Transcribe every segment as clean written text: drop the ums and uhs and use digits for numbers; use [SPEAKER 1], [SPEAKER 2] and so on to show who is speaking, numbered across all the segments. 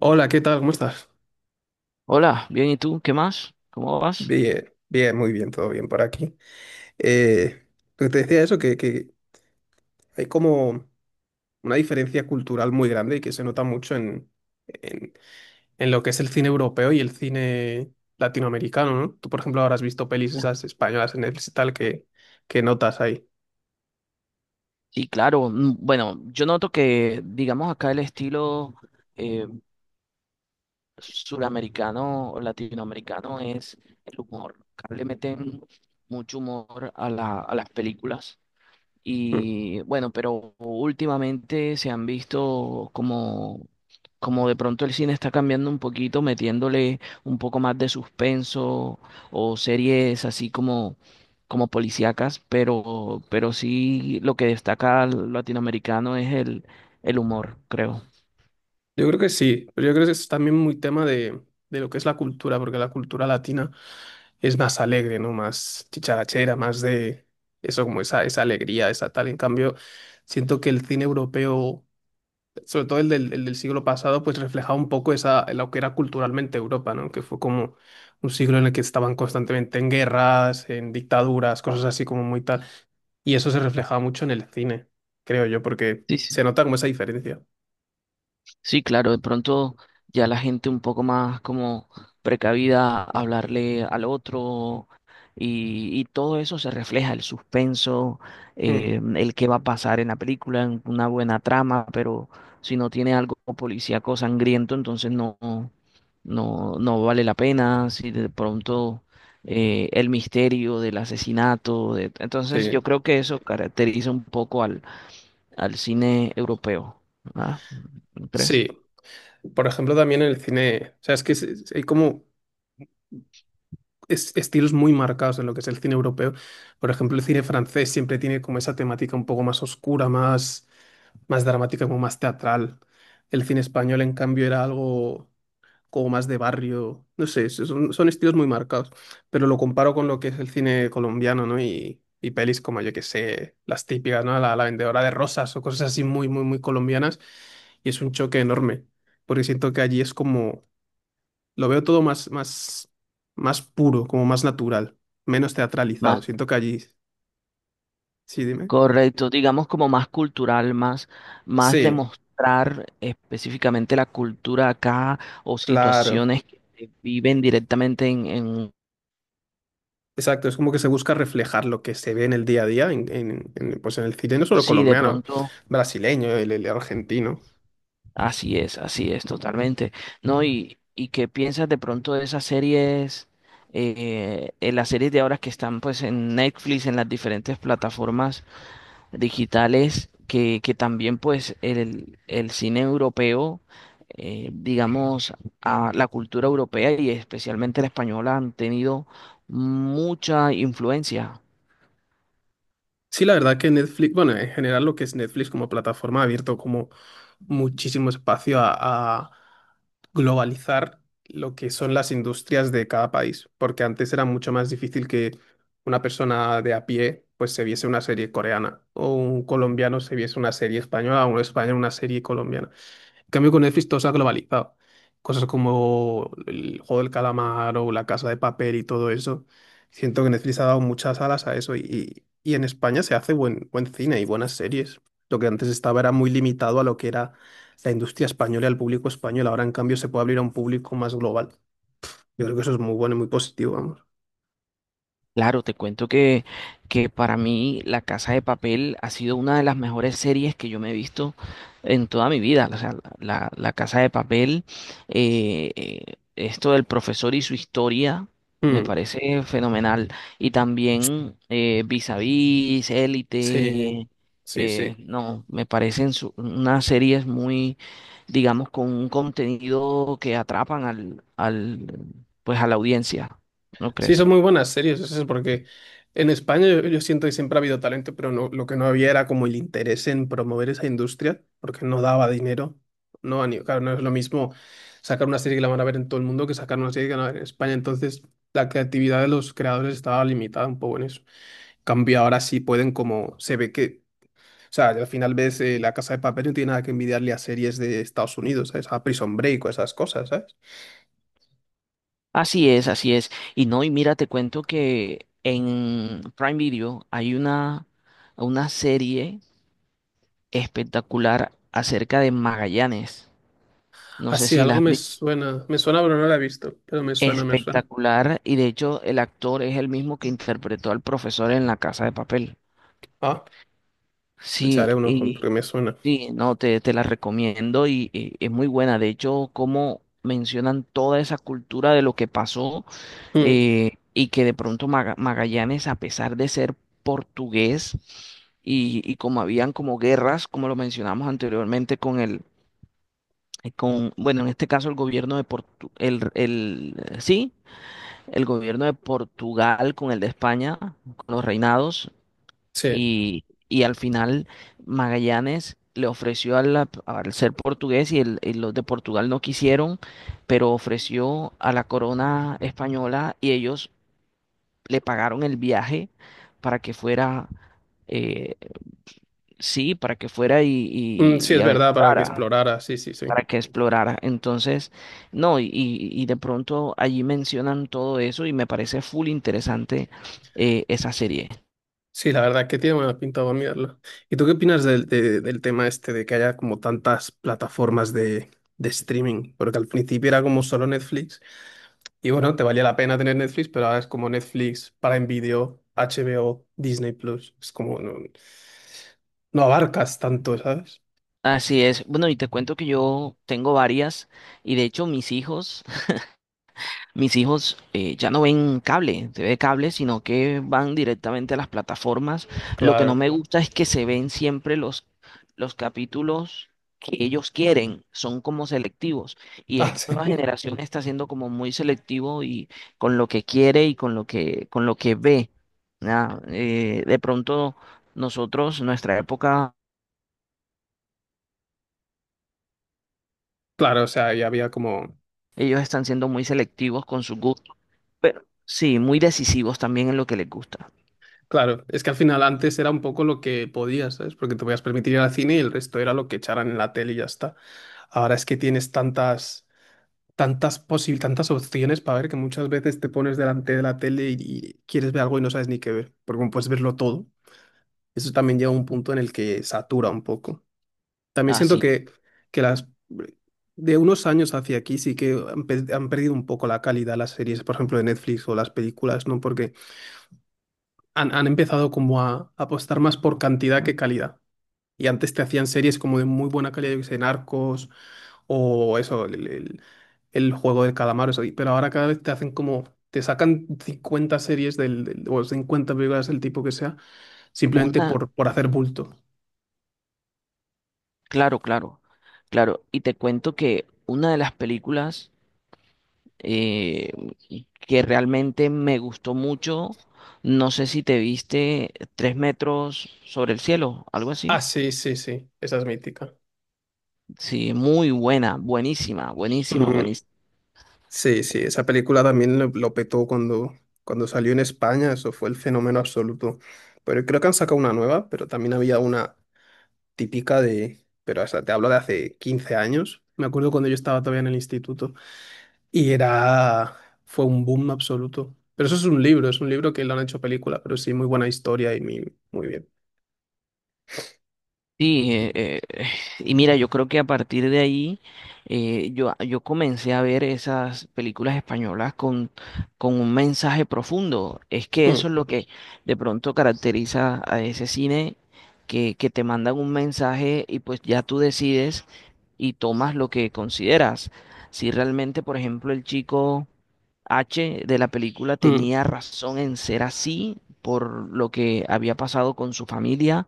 [SPEAKER 1] Hola, ¿qué tal? ¿Cómo estás?
[SPEAKER 2] Hola, bien, ¿y tú? ¿Qué más? ¿Cómo vas?
[SPEAKER 1] Bien, bien, muy bien, todo bien por aquí. Eh, lo que te decía eso, que hay como una diferencia cultural muy grande y que se nota mucho en, En lo que es el cine europeo y el cine latinoamericano, ¿no? Tú, por ejemplo, ahora has visto pelis
[SPEAKER 2] Ah.
[SPEAKER 1] esas españolas en Netflix y tal que notas ahí.
[SPEAKER 2] Sí, claro. Bueno, yo noto que, digamos, acá el estilo eh, suramericano o latinoamericano es el humor. Acá le meten mucho humor a a las películas.
[SPEAKER 1] Mm.
[SPEAKER 2] Y bueno, pero últimamente se han visto como, como de pronto el cine está cambiando un poquito, metiéndole un poco más de suspenso o series así como, como policíacas, pero sí lo que destaca al latinoamericano es el humor, creo.
[SPEAKER 1] Yo creo que sí, pero yo creo que es también muy tema de lo que es la cultura, porque la cultura latina es más alegre, ¿no? Más chicharachera, más de eso, como esa alegría, esa tal. En cambio, siento que el cine europeo, sobre todo el del siglo pasado, pues reflejaba un poco esa, lo que era culturalmente Europa, ¿no? Que fue como un siglo en el que estaban constantemente en guerras, en dictaduras, cosas así como muy tal. Y eso se reflejaba mucho en el cine, creo yo, porque
[SPEAKER 2] Sí, sí.
[SPEAKER 1] se nota como esa diferencia.
[SPEAKER 2] Sí, claro, de pronto ya la gente un poco más como precavida, hablarle al otro y todo eso se refleja, el suspenso,
[SPEAKER 1] Mm,
[SPEAKER 2] el qué va a pasar en la película, en una buena trama, pero si no tiene algo policíaco sangriento, entonces no vale la pena, si de pronto el misterio del asesinato, entonces yo
[SPEAKER 1] sí,
[SPEAKER 2] creo que eso caracteriza un poco al cine europeo, ¿verdad? ¿No crees?
[SPEAKER 1] sí. Por ejemplo, también en el cine, o sea, es que hay como estilos muy marcados en lo que es el cine europeo. Por ejemplo, el cine francés siempre tiene como esa temática un poco más oscura, más, más dramática, como más teatral. El cine español, en cambio, era algo como más de barrio. No sé, son estilos muy marcados. Pero lo comparo con lo que es el cine colombiano, ¿no? Y pelis como, yo que sé, las típicas, ¿no? La vendedora de rosas o cosas así muy, muy, muy colombianas. Y es un choque enorme, porque siento que allí es como lo veo todo más puro, como más natural, menos teatralizado.
[SPEAKER 2] Más.
[SPEAKER 1] Siento que allí... Sí, dime.
[SPEAKER 2] Correcto, digamos como más cultural, más, más
[SPEAKER 1] Sí,
[SPEAKER 2] demostrar específicamente la cultura acá o
[SPEAKER 1] claro.
[SPEAKER 2] situaciones que se viven directamente en...
[SPEAKER 1] Exacto, es como que se busca reflejar lo que se ve en el día a día, pues en el cine, no solo
[SPEAKER 2] Sí, de
[SPEAKER 1] colombiano,
[SPEAKER 2] pronto,
[SPEAKER 1] brasileño, el argentino.
[SPEAKER 2] así es, totalmente. ¿No? ¿Y qué piensas de pronto de esas series, en las series de ahora que están pues en Netflix, en las diferentes plataformas digitales que también pues el cine europeo, digamos, a la cultura europea y especialmente la española han tenido mucha influencia.
[SPEAKER 1] Sí, la verdad que Netflix, bueno, en general lo que es Netflix como plataforma ha abierto como muchísimo espacio a globalizar lo que son las industrias de cada país, porque antes era mucho más difícil que una persona de a pie pues se viese una serie coreana o un colombiano se viese una serie española o un español una serie colombiana. En cambio, con Netflix todo se ha globalizado. Cosas como el juego del calamar o la casa de papel y todo eso. Siento que Netflix ha dado muchas alas a eso y en España se hace buen cine y buenas series. Lo que antes estaba era muy limitado a lo que era la industria española y al público español. Ahora, en cambio, se puede abrir a un público más global. Yo creo que eso es muy bueno y muy positivo, vamos.
[SPEAKER 2] Claro, te cuento que para mí La Casa de Papel ha sido una de las mejores series que yo me he visto en toda mi vida. O sea, la Casa de Papel, esto del profesor y su historia, me
[SPEAKER 1] Mm,
[SPEAKER 2] parece fenomenal. Y también Vis a Vis,
[SPEAKER 1] sí,
[SPEAKER 2] Élite,
[SPEAKER 1] sí, sí.
[SPEAKER 2] no, me parecen unas series muy, digamos, con un contenido que atrapan pues a la audiencia, ¿no
[SPEAKER 1] Sí, son
[SPEAKER 2] crees?
[SPEAKER 1] muy buenas series, eso es porque en España yo siento que siempre ha habido talento, pero no, lo que no había era como el interés en promover esa industria, porque no daba dinero. No, a ni- claro, no es lo mismo sacar una serie que la van a ver en todo el mundo que sacar una serie que la van a ver en España. Entonces, la creatividad de los creadores estaba limitada un poco en eso. En cambio, ahora sí pueden como, se ve que, o sea, al final ves La Casa de Papel no tiene nada que envidiarle a series de Estados Unidos, ¿sabes? A Prison Break o esas cosas, ¿sabes?
[SPEAKER 2] Así es, así es. Y no, y mira, te cuento que en Prime Video hay una serie espectacular acerca de Magallanes. No sé
[SPEAKER 1] Así,
[SPEAKER 2] si la
[SPEAKER 1] algo
[SPEAKER 2] has
[SPEAKER 1] me
[SPEAKER 2] visto.
[SPEAKER 1] suena. Me suena, pero no la he visto. Pero me suena, me suena.
[SPEAKER 2] Espectacular. Y de hecho, el actor es el mismo que interpretó al profesor en La Casa de Papel.
[SPEAKER 1] Ah, pues le
[SPEAKER 2] Sí,
[SPEAKER 1] echaré un ojo
[SPEAKER 2] y
[SPEAKER 1] porque me suena.
[SPEAKER 2] sí, no, te la recomiendo y es muy buena. De hecho, como mencionan toda esa cultura de lo que pasó,
[SPEAKER 1] Mm,
[SPEAKER 2] y que de pronto Magallanes, a pesar de ser portugués, y como habían como guerras, como lo mencionamos anteriormente con con, bueno, en este caso el gobierno de Portu, el, sí, el gobierno de Portugal con el de España, con los reinados,
[SPEAKER 1] sí.
[SPEAKER 2] y al final Magallanes le ofreció a la al ser portugués y los de Portugal no quisieron, pero ofreció a la corona española y ellos le pagaron el viaje para que fuera, eh, sí, para que fuera
[SPEAKER 1] Mm, sí,
[SPEAKER 2] y
[SPEAKER 1] es verdad, para que
[SPEAKER 2] aventurara,
[SPEAKER 1] explorara. Sí, sí, sí.
[SPEAKER 2] para que explorara. Entonces, no, y de pronto allí mencionan todo eso y me parece full interesante esa serie.
[SPEAKER 1] Sí, la verdad que tiene buena pinta, voy a mirarlo. ¿Y tú qué opinas del, del tema este de que haya como tantas plataformas de streaming? Porque al principio era como solo Netflix y bueno, te valía la pena tener Netflix, pero ahora es como Netflix, Prime Video, HBO, Disney Plus. Es como no, no abarcas tanto, ¿sabes?
[SPEAKER 2] Así es. Bueno, y te cuento que yo tengo varias y de hecho mis hijos... Mis hijos ya no ven cable, se ve cable, sino que van directamente a las plataformas. Lo que no
[SPEAKER 1] Claro.
[SPEAKER 2] me gusta es que se ven siempre los capítulos que ellos quieren, son como selectivos. Y
[SPEAKER 1] Ah,
[SPEAKER 2] esta nueva
[SPEAKER 1] sí.
[SPEAKER 2] generación está siendo como muy selectivo y con lo que quiere y con lo con lo que ve. ¿Ya? De pronto nosotros, nuestra época,
[SPEAKER 1] Claro, o sea, ya había como...
[SPEAKER 2] ellos están siendo muy selectivos con sus gustos, pero sí, muy decisivos también en lo que les gusta.
[SPEAKER 1] Claro, es que al final antes era un poco lo que podías, ¿sabes? Porque te podías permitir ir al cine y el resto era lo que echaran en la tele y ya está. Ahora es que tienes tantas posibles, tantas opciones para ver que muchas veces te pones delante de la tele y quieres ver algo y no sabes ni qué ver, porque como puedes verlo todo, eso también llega a un punto en el que satura un poco. También siento
[SPEAKER 2] Así,
[SPEAKER 1] que las de unos años hacia aquí sí que han perdido un poco la calidad las series, por ejemplo, de Netflix o las películas, ¿no? Porque han empezado como a apostar más por cantidad que calidad. Y antes te hacían series como de muy buena calidad, yo que sé, Narcos o eso, el juego del calamar, eso. Pero ahora cada vez te hacen como, te sacan 50 series o 50 películas el tipo que sea, simplemente
[SPEAKER 2] una.
[SPEAKER 1] por hacer bulto.
[SPEAKER 2] Claro, claro, claro. Y te cuento que una de las películas eh, que realmente me gustó mucho, no sé si te viste Tres metros sobre el cielo, algo así.
[SPEAKER 1] Ah, sí, sí, sí, esa es mítica.
[SPEAKER 2] Sí, muy buena, buenísima, buenísima,
[SPEAKER 1] Mm,
[SPEAKER 2] buenísima.
[SPEAKER 1] sí, sí, esa película también lo petó cuando salió en España, eso fue el fenómeno absoluto. Pero creo que han sacado una nueva, pero también había una típica de, pero hasta te hablo de hace 15 años. Me acuerdo cuando yo estaba todavía en el instituto. Y era, fue un boom absoluto. Pero eso es un libro que lo han hecho película, pero sí, muy buena historia y muy, muy bien.
[SPEAKER 2] Sí, y mira, yo creo que a partir de ahí, yo comencé a ver esas películas españolas con un mensaje profundo. Es que
[SPEAKER 1] Mm,
[SPEAKER 2] eso es lo que de pronto caracteriza a ese cine, que te mandan un mensaje y pues ya tú decides y tomas lo que consideras. Si realmente, por ejemplo, el chico H de la película
[SPEAKER 1] mm,
[SPEAKER 2] tenía razón en ser así por lo que había pasado con su familia,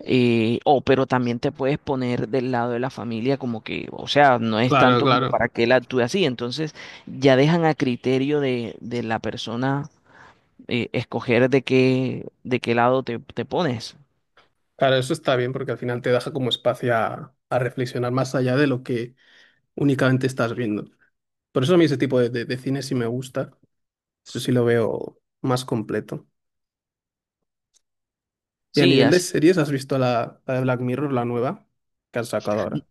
[SPEAKER 2] o pero también te puedes poner del lado de la familia como que, o sea, no es
[SPEAKER 1] claro,
[SPEAKER 2] tanto como
[SPEAKER 1] claro.
[SPEAKER 2] para que él actúe así. Entonces ya dejan a criterio de la persona, escoger de qué lado te pones.
[SPEAKER 1] Claro, eso está bien porque al final te deja como espacio a reflexionar más allá de lo que únicamente estás viendo. Por eso a mí ese tipo de cine sí me gusta. Eso sí lo veo más completo. Y a
[SPEAKER 2] Sí,
[SPEAKER 1] nivel de
[SPEAKER 2] así.
[SPEAKER 1] series, ¿has visto la de Black Mirror, la nueva que han sacado
[SPEAKER 2] N-
[SPEAKER 1] ahora?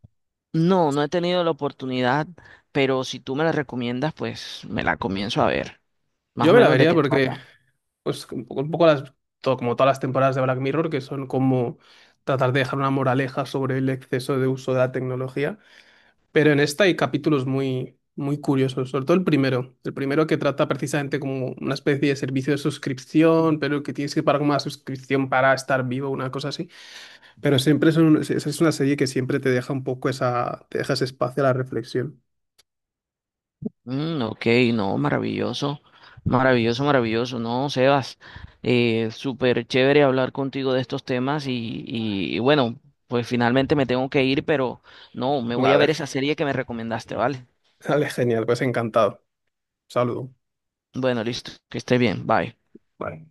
[SPEAKER 2] No, no he tenido la oportunidad, pero si tú me la recomiendas, pues me la comienzo a ver. Más
[SPEAKER 1] Yo
[SPEAKER 2] o
[SPEAKER 1] me la
[SPEAKER 2] menos de
[SPEAKER 1] vería
[SPEAKER 2] qué
[SPEAKER 1] porque
[SPEAKER 2] trata.
[SPEAKER 1] pues un poco las, todo, como todas las temporadas de Black Mirror, que son como tratar de dejar una moraleja sobre el exceso de uso de la tecnología. Pero en esta hay capítulos muy, muy curiosos, sobre todo el primero. El primero que trata precisamente como una especie de servicio de suscripción, pero que tienes que pagar como una suscripción para estar vivo, una cosa así. Pero siempre es una serie que siempre te deja un poco esa, te deja ese espacio a la reflexión.
[SPEAKER 2] Mm, ok, no, maravilloso, maravilloso, maravilloso, no, Sebas, súper chévere hablar contigo de estos temas y bueno, pues finalmente me tengo que ir, pero no, me voy a ver
[SPEAKER 1] Vale,
[SPEAKER 2] esa serie que me recomendaste, ¿vale?
[SPEAKER 1] vale, genial, pues encantado. Saludo.
[SPEAKER 2] Bueno, listo, que esté bien, bye.
[SPEAKER 1] Vale.